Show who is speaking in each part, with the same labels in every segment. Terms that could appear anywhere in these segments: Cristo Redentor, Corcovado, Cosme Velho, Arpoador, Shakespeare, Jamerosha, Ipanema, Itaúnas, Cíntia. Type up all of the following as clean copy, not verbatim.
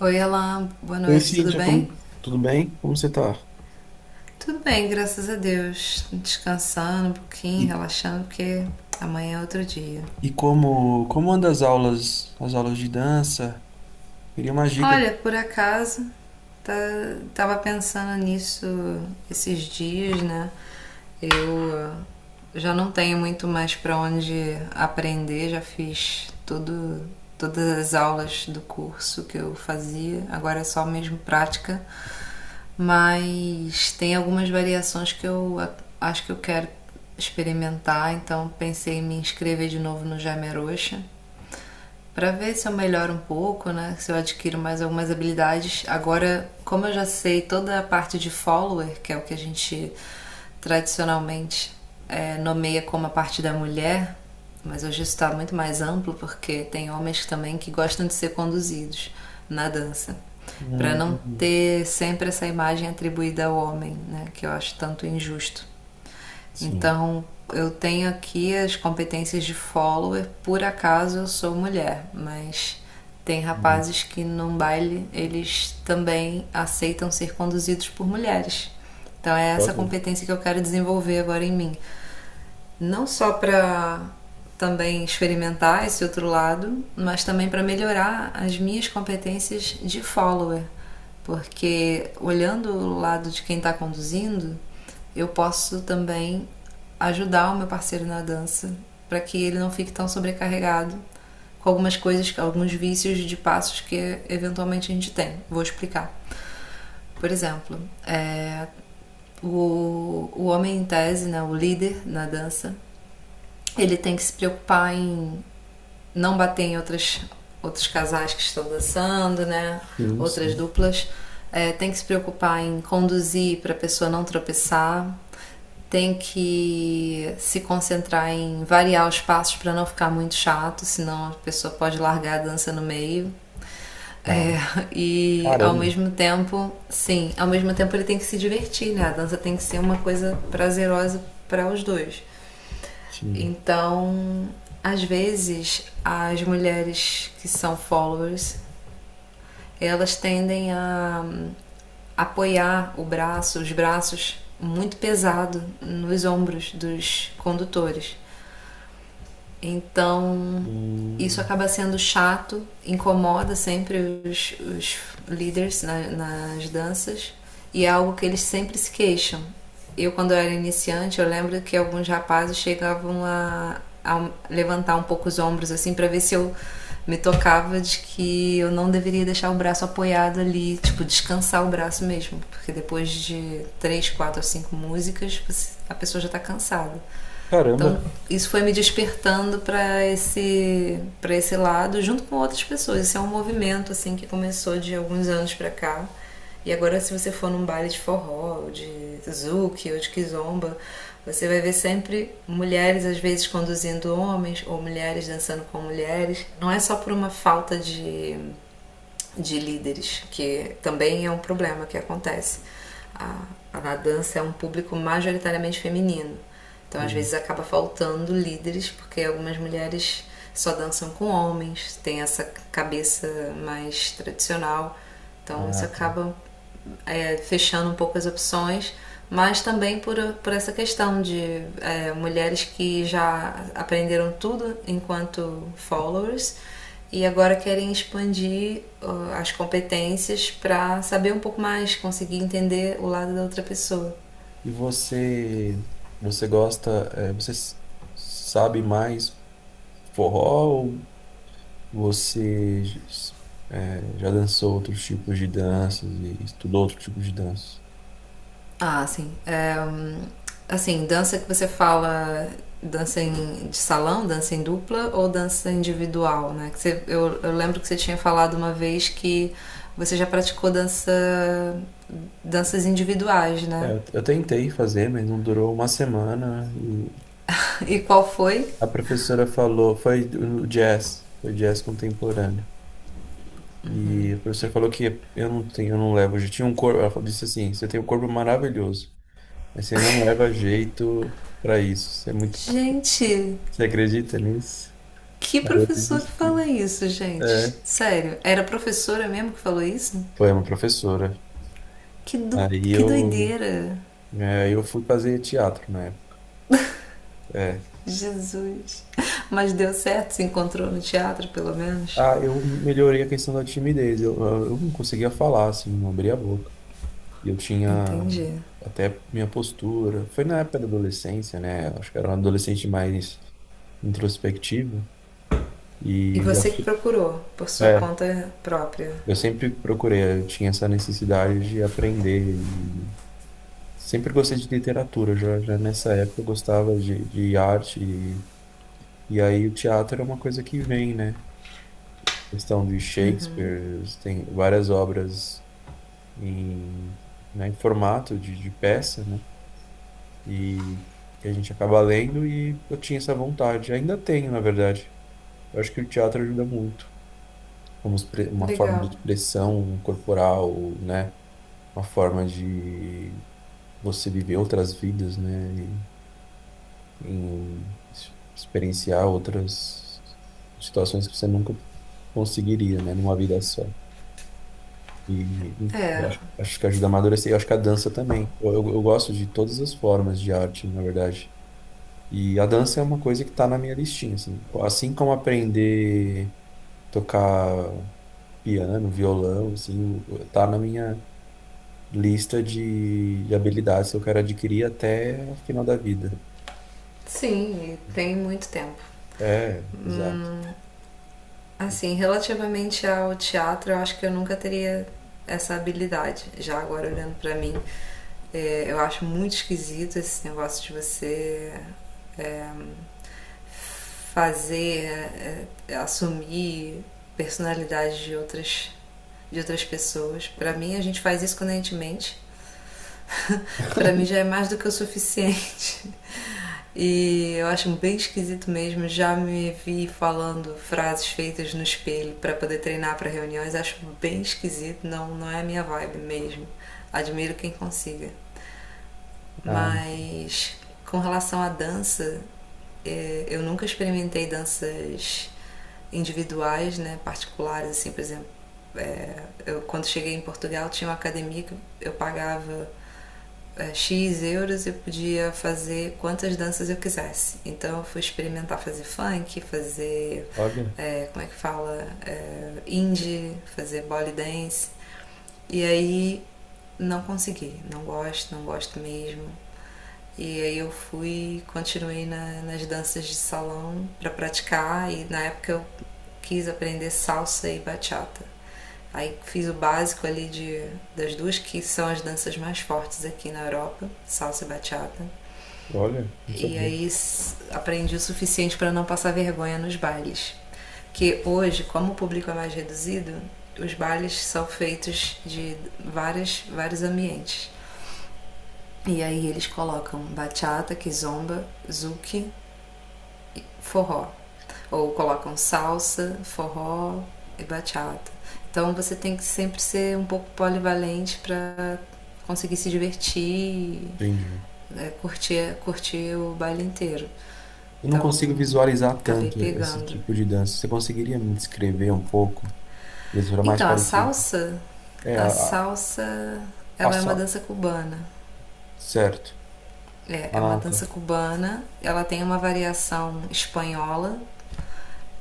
Speaker 1: Oi, Alan, boa
Speaker 2: Oi,
Speaker 1: noite, tudo
Speaker 2: Cíntia,
Speaker 1: bem?
Speaker 2: tudo bem? Como você tá?
Speaker 1: Tudo bem, graças a Deus. Descansando um pouquinho,
Speaker 2: E,
Speaker 1: relaxando, porque amanhã é outro dia.
Speaker 2: e como andam as aulas de dança? Queria umas
Speaker 1: Olha,
Speaker 2: dicas.
Speaker 1: por acaso, tá, tava pensando nisso esses dias, né? Eu já não tenho muito mais para onde aprender, já fiz tudo, todas as aulas do curso que eu fazia, agora é só mesmo prática, mas tem algumas variações que eu acho que eu quero experimentar, então pensei em me inscrever de novo no Jamerosha para ver se eu melhoro um pouco, né? Se eu adquiro mais algumas habilidades. Agora, como eu já sei toda a parte de follower, que é o que a gente tradicionalmente nomeia como a parte da mulher, mas hoje isso está muito mais amplo porque tem homens também que gostam de ser conduzidos na dança, para
Speaker 2: Hum,
Speaker 1: não
Speaker 2: hum,
Speaker 1: ter sempre essa imagem atribuída ao homem, né? Que eu acho tanto injusto.
Speaker 2: sim.
Speaker 1: Então, eu tenho aqui as competências de follower, por acaso eu sou mulher, mas tem
Speaker 2: Hum.
Speaker 1: rapazes que num baile eles também aceitam ser conduzidos por mulheres. Então é essa
Speaker 2: Olha,
Speaker 1: competência que eu quero desenvolver agora em mim, não só para também experimentar esse outro lado, mas também para melhorar as minhas competências de follower, porque olhando o lado de quem está conduzindo, eu posso também ajudar o meu parceiro na dança para que ele não fique tão sobrecarregado com algumas coisas, com alguns vícios de passos que eventualmente a gente tem. Vou explicar. Por exemplo, é, o homem em tese, né, o líder na dança, ele tem que se preocupar em não bater em outros casais que estão dançando, né?
Speaker 2: sim,
Speaker 1: Outras
Speaker 2: sim.
Speaker 1: duplas. Tem que se preocupar em conduzir para a pessoa não tropeçar. Tem que se concentrar em variar os passos para não ficar muito chato, senão a pessoa pode largar a dança no meio.
Speaker 2: Tá.
Speaker 1: É, e ao
Speaker 2: Caramba.
Speaker 1: mesmo tempo, sim, ao mesmo tempo ele tem que se divertir, né? A dança tem que ser uma coisa prazerosa para os dois.
Speaker 2: Sim.
Speaker 1: Então, às vezes, as mulheres que são followers, elas tendem a apoiar o braço, os braços muito pesado nos ombros dos condutores. Então, isso
Speaker 2: Hum,
Speaker 1: acaba sendo chato, incomoda sempre os líderes nas danças, e é algo que eles sempre se queixam. Eu, quando eu era iniciante, eu lembro que alguns rapazes chegavam a levantar um pouco os ombros assim para ver se eu me tocava de que eu não deveria deixar o braço apoiado ali, tipo, descansar o braço mesmo, porque depois de três, quatro ou cinco músicas, a pessoa já tá cansada.
Speaker 2: caramba.
Speaker 1: Então, isso foi me despertando para esse lado junto com outras pessoas. Esse é um movimento assim que começou de alguns anos para cá. E agora se você for num baile de forró, ou de zouk ou de kizomba, você vai ver sempre mulheres às vezes conduzindo homens ou mulheres dançando com mulheres. Não é só por uma falta de líderes, que também é um problema que acontece. A, a dança é um público majoritariamente feminino, então às
Speaker 2: Sim.
Speaker 1: vezes acaba faltando líderes porque algumas mulheres só dançam com homens, tem essa cabeça mais tradicional, então isso
Speaker 2: Ah, tá.
Speaker 1: acaba, fechando um pouco as opções, mas também por, essa questão de mulheres que já aprenderam tudo enquanto followers e agora querem expandir as competências para saber um pouco mais, conseguir entender o lado da outra pessoa.
Speaker 2: E você, você gosta, eh, você s- sabe mais forró ou você já dançou outros tipos de danças e estudou outros tipos de danças?
Speaker 1: Ah, sim. Assim, dança que você fala, dança de salão, dança em dupla ou dança individual, né? Eu lembro que você tinha falado uma vez que você já praticou danças individuais,
Speaker 2: É,
Speaker 1: né?
Speaker 2: eu tentei fazer, mas não durou uma semana. E
Speaker 1: E qual foi?
Speaker 2: a professora falou, foi no jazz, foi jazz contemporâneo. E a professora falou que eu não tenho, eu não levo, eu tinha um corpo, ela disse assim, você tem um corpo maravilhoso, mas você não leva jeito pra isso. Você é muito,
Speaker 1: Gente,
Speaker 2: você acredita nisso?
Speaker 1: que
Speaker 2: Aí eu
Speaker 1: professor que
Speaker 2: desisti.
Speaker 1: fala isso, gente?
Speaker 2: É,
Speaker 1: Sério, era a professora mesmo que falou isso?
Speaker 2: foi uma professora.
Speaker 1: Que, do,
Speaker 2: Aí
Speaker 1: que
Speaker 2: eu,
Speaker 1: doideira!
Speaker 2: é, eu fui fazer teatro na época. É.
Speaker 1: Jesus! Mas deu certo, se encontrou no teatro, pelo menos.
Speaker 2: Ah, eu melhorei a questão da timidez. Eu não conseguia falar, assim, não abria a boca. E eu tinha
Speaker 1: Entendi.
Speaker 2: até minha postura. Foi na época da adolescência, né? Acho que era um adolescente mais introspectivo.
Speaker 1: E
Speaker 2: E eu,
Speaker 1: você
Speaker 2: acho
Speaker 1: que
Speaker 2: que-
Speaker 1: procurou por sua
Speaker 2: é,
Speaker 1: conta própria.
Speaker 2: eu sempre procurei, eu tinha essa necessidade de aprender. E sempre gostei de literatura, já nessa época eu gostava de arte. E aí o teatro é uma coisa que vem, né? Questão de Shakespeare, tem várias obras em, né, em formato de peça, né? E que a gente acaba lendo e eu tinha essa vontade, ainda tenho, na verdade. Eu acho que o teatro ajuda muito, como uma forma de
Speaker 1: Legal.
Speaker 2: expressão corporal, né? Uma forma de você viver outras vidas, né? E, em experienciar outras situações que você nunca conseguiria, né? Numa vida só. E
Speaker 1: É,
Speaker 2: eu acho, acho que ajuda a amadurecer. Eu acho que a dança também. Eu gosto de todas as formas de arte, na verdade. E a dança é uma coisa que está na minha listinha, assim. Assim como aprender a tocar piano, violão, assim, tá na minha lista de habilidades que eu quero adquirir até o final da vida.
Speaker 1: sim, e tem muito tempo.
Speaker 2: É, exato.
Speaker 1: Assim, relativamente ao teatro, eu acho que eu nunca teria essa habilidade. Já agora olhando pra mim, eu acho muito esquisito esse negócio de você é, fazer, assumir personalidade de outras pessoas. Pra mim, a gente faz isso quando a gente mente, para mim já é mais do que o suficiente. E eu acho bem esquisito mesmo. Já me vi falando frases feitas no espelho para poder treinar para reuniões. Acho bem esquisito. Não, não é a minha vibe mesmo. Admiro quem consiga.
Speaker 2: Ah,
Speaker 1: Mas com relação à dança, eu nunca experimentei danças individuais, né, particulares, assim, por exemplo. Eu, quando cheguei em Portugal, tinha uma academia que eu pagava X euros, eu podia fazer quantas danças eu quisesse. Então eu fui experimentar fazer funk, fazer.
Speaker 2: olha,
Speaker 1: Como é que fala? Indie, fazer body dance. E aí não consegui, não gosto, não gosto mesmo. E aí eu continuei nas danças de salão para praticar, e na época eu quis aprender salsa e bachata. Aí fiz o básico ali das duas que são as danças mais fortes aqui na Europa, salsa e bachata.
Speaker 2: olha, não
Speaker 1: E
Speaker 2: sabia.
Speaker 1: aí aprendi o suficiente para não passar vergonha nos bailes. Porque hoje, como o público é mais reduzido, os bailes são feitos de vários ambientes. E aí eles colocam bachata, kizomba, zouk, forró. Ou colocam salsa, forró e bachata. Então você tem que sempre ser um pouco polivalente para conseguir se divertir,
Speaker 2: Entendi.
Speaker 1: curtir, o baile inteiro.
Speaker 2: Eu não
Speaker 1: Então,
Speaker 2: consigo visualizar
Speaker 1: acabei
Speaker 2: tanto esse
Speaker 1: pegando.
Speaker 2: tipo de dança. Você conseguiria me descrever um pouco? Eles eram mais
Speaker 1: Então, a
Speaker 2: parecidos.
Speaker 1: salsa,
Speaker 2: É,
Speaker 1: a
Speaker 2: a,
Speaker 1: salsa,
Speaker 2: a
Speaker 1: ela é uma
Speaker 2: só.
Speaker 1: dança cubana.
Speaker 2: Certo.
Speaker 1: É uma
Speaker 2: Ah, tá.
Speaker 1: dança cubana, ela tem uma variação espanhola,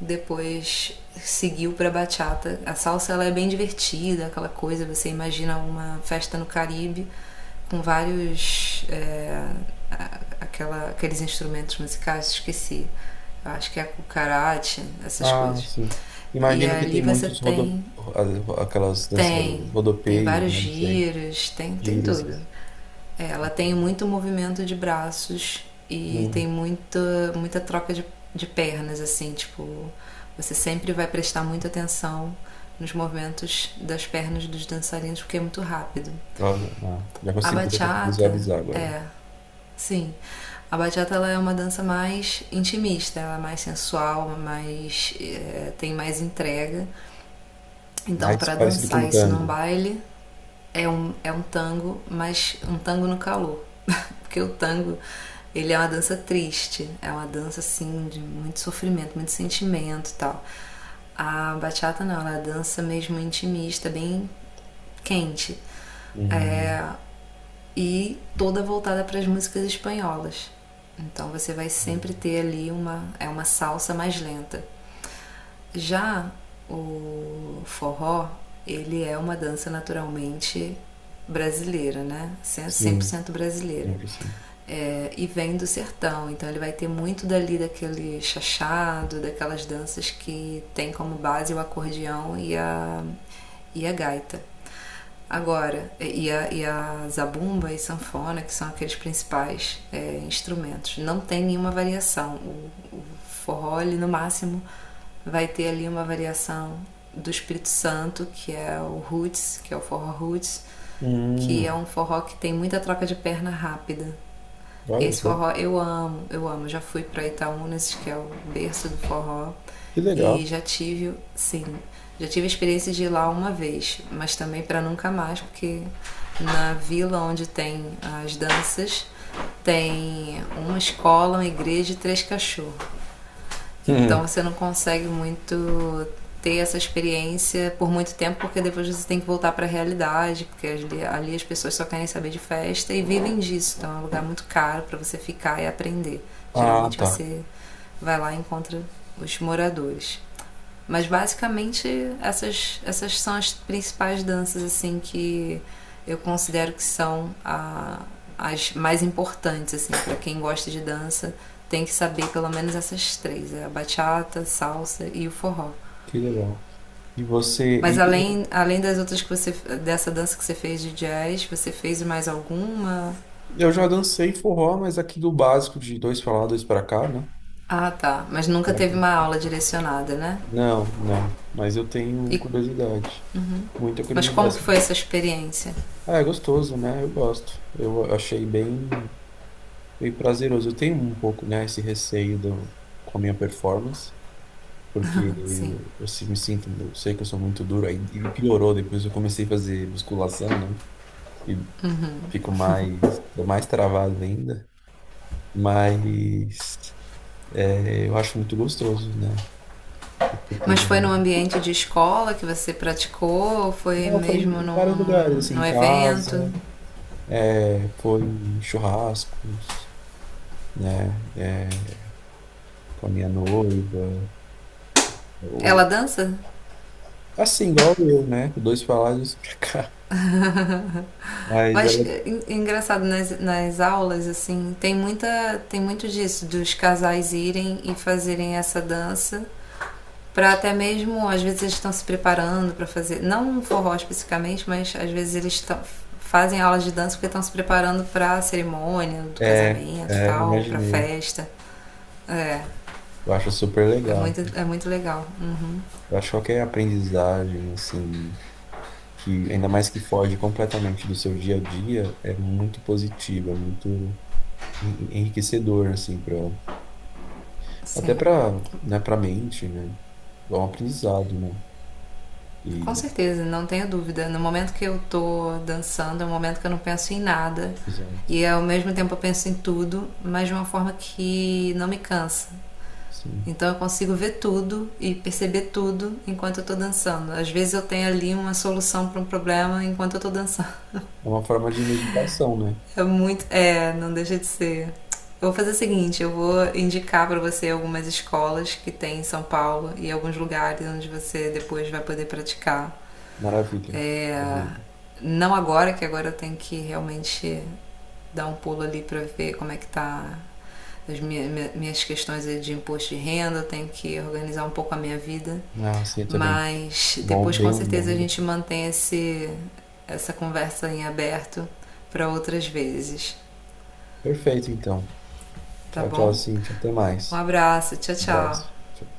Speaker 1: depois seguiu para bachata. A salsa, ela é bem divertida, aquela coisa, você imagina uma festa no Caribe com vários, aqueles instrumentos musicais, esqueci. Acho que é o karate, essas
Speaker 2: Ah,
Speaker 1: coisas.
Speaker 2: sim.
Speaker 1: E
Speaker 2: Imagino que
Speaker 1: ali
Speaker 2: tem
Speaker 1: você
Speaker 2: muitos
Speaker 1: tem.
Speaker 2: aquelas
Speaker 1: Tem,
Speaker 2: dançarinas,
Speaker 1: tem
Speaker 2: rodopeios,
Speaker 1: vários
Speaker 2: né, não sei,
Speaker 1: giros, tem
Speaker 2: giros. E-
Speaker 1: tudo. Ela tem muito movimento de braços e
Speaker 2: Hum,
Speaker 1: tem muita, muita troca de pernas, assim, tipo, você sempre vai prestar muita atenção nos movimentos das pernas dos dançarinos porque é muito rápido.
Speaker 2: olha, ah,
Speaker 1: A
Speaker 2: já consigo
Speaker 1: bachata,
Speaker 2: visualizar agora.
Speaker 1: é, sim. A bachata, ela é uma dança mais intimista, ela é mais sensual, mais, tem mais entrega. Então,
Speaker 2: Mais
Speaker 1: para
Speaker 2: parecido com
Speaker 1: dançar isso num
Speaker 2: tango.
Speaker 1: baile, é um tango, mas um tango no calor. Porque o tango, ele é uma dança triste, é uma dança assim de muito sofrimento, muito sentimento e tal. A bachata não, ela é uma dança mesmo intimista, bem quente.
Speaker 2: Hum,
Speaker 1: É, e toda voltada para as músicas espanholas. Então você vai sempre
Speaker 2: hum,
Speaker 1: ter ali uma salsa mais lenta. Já o forró, ele é uma dança naturalmente brasileira, né?
Speaker 2: sim,
Speaker 1: 100% brasileira.
Speaker 2: lembro sim.
Speaker 1: E vem do sertão, então ele vai ter muito dali daquele chachado, daquelas danças que tem como base o acordeão e a, gaita. Agora, e a zabumba e sanfona, que são aqueles principais, instrumentos. Não tem nenhuma variação. O forró, ele, no máximo, vai ter ali uma variação do Espírito Santo, que é o roots, que é o forró roots, que é
Speaker 2: Hum,
Speaker 1: um forró que tem muita troca de perna rápida.
Speaker 2: olha
Speaker 1: Esse
Speaker 2: só,
Speaker 1: forró eu amo, eu amo. Já fui para Itaúnas, que é o berço do forró,
Speaker 2: que
Speaker 1: e
Speaker 2: legal.
Speaker 1: sim, já tive a experiência de ir lá uma vez, mas também para nunca mais, porque na vila onde tem as danças tem uma escola, uma igreja e três cachorros.
Speaker 2: Hum,
Speaker 1: Então você não consegue muito ter essa experiência por muito tempo, porque depois você tem que voltar para a realidade, porque ali as pessoas só querem saber de festa e vivem disso. Então é um lugar muito caro para você ficar e aprender.
Speaker 2: ah,
Speaker 1: Geralmente
Speaker 2: tá,
Speaker 1: você vai lá e encontra os moradores. Mas basicamente essas são as principais danças assim que eu considero que são as mais importantes, assim para quem gosta de dança tem que saber pelo menos essas três, é a bachata, salsa e o forró.
Speaker 2: que legal. E você,
Speaker 1: Mas
Speaker 2: e-
Speaker 1: além, das outras, que você dessa dança que você fez de jazz, você fez mais alguma?
Speaker 2: eu já dancei forró, mas aqui do básico de dois pra lá, dois pra cá, né?
Speaker 1: Ah, tá, mas nunca teve uma aula direcionada, né?
Speaker 2: Não, não. Mas eu tenho
Speaker 1: E,
Speaker 2: curiosidade. Muita
Speaker 1: mas
Speaker 2: curiosidade,
Speaker 1: como que foi
Speaker 2: assim.
Speaker 1: essa experiência?
Speaker 2: Ah, é gostoso, né? Eu gosto. Eu achei bem, bem prazeroso. Eu tenho um pouco, né, esse receio do, com a minha performance, porque
Speaker 1: Sim.
Speaker 2: eu me sinto, eu sei que eu sou muito duro. E piorou depois eu comecei a fazer musculação, né? E fico mais, tô mais travado ainda. Mas é, eu acho muito gostoso, né? Eu tô
Speaker 1: Mas foi num
Speaker 2: dando.
Speaker 1: ambiente de escola que você praticou? Ou foi
Speaker 2: Não, foi
Speaker 1: mesmo
Speaker 2: em
Speaker 1: num,
Speaker 2: vários lugares, assim, em
Speaker 1: num evento?
Speaker 2: casa. Foi em churrascos, né? É, com a minha noiva.
Speaker 1: Ela
Speaker 2: Eu,
Speaker 1: dança?
Speaker 2: assim, igual eu, né? Dois pra lá e dois pra cá. Mas
Speaker 1: Mas
Speaker 2: ela
Speaker 1: é engraçado, nas aulas, assim, tem muita. Tem muito disso, dos casais irem e fazerem essa dança, para até mesmo, às vezes eles estão se preparando para fazer, não um forró especificamente, mas às vezes eles estão fazem aulas de dança porque estão se preparando para a cerimônia do
Speaker 2: é,
Speaker 1: casamento e
Speaker 2: é,
Speaker 1: tal, para a
Speaker 2: imaginei.
Speaker 1: festa. É,
Speaker 2: Eu acho super
Speaker 1: É
Speaker 2: legal.
Speaker 1: muito, é muito legal. Uhum,
Speaker 2: Eu acho qualquer aprendizagem, assim, que ainda mais que foge completamente do seu dia a dia, é muito positiva, é muito enriquecedor, assim, pra, até
Speaker 1: sim.
Speaker 2: pra, né, pra mente, né? É um aprendizado, né?
Speaker 1: Com
Speaker 2: E,
Speaker 1: certeza, não tenho dúvida. No momento que eu tô dançando, é um momento que eu não penso em nada.
Speaker 2: exato.
Speaker 1: E ao mesmo tempo eu penso em tudo, mas de uma forma que não me cansa.
Speaker 2: Sim.
Speaker 1: Então eu consigo ver tudo e perceber tudo enquanto eu tô dançando. Às vezes eu tenho ali uma solução para um problema enquanto eu tô dançando.
Speaker 2: É uma forma de meditação, né?
Speaker 1: É muito. É, não deixa de ser. Eu vou fazer o seguinte, eu vou indicar para você algumas escolas que tem em São Paulo e alguns lugares onde você depois vai poder praticar.
Speaker 2: Maravilha.
Speaker 1: É,
Speaker 2: Maravilha.
Speaker 1: não agora, que agora eu tenho que realmente dar um pulo ali para ver como é que tá as minhas questões de imposto de renda, eu tenho que organizar um pouco a minha vida.
Speaker 2: Ah, sim, eu também.
Speaker 1: Mas
Speaker 2: Bom,
Speaker 1: depois com
Speaker 2: bem
Speaker 1: certeza a
Speaker 2: bom.
Speaker 1: gente mantém essa conversa em aberto para outras vezes,
Speaker 2: Perfeito, então.
Speaker 1: tá
Speaker 2: Tchau, tchau,
Speaker 1: bom?
Speaker 2: Cintia. Até
Speaker 1: Um
Speaker 2: mais.
Speaker 1: abraço, tchau,
Speaker 2: Um abraço.
Speaker 1: tchau.
Speaker 2: Tchau.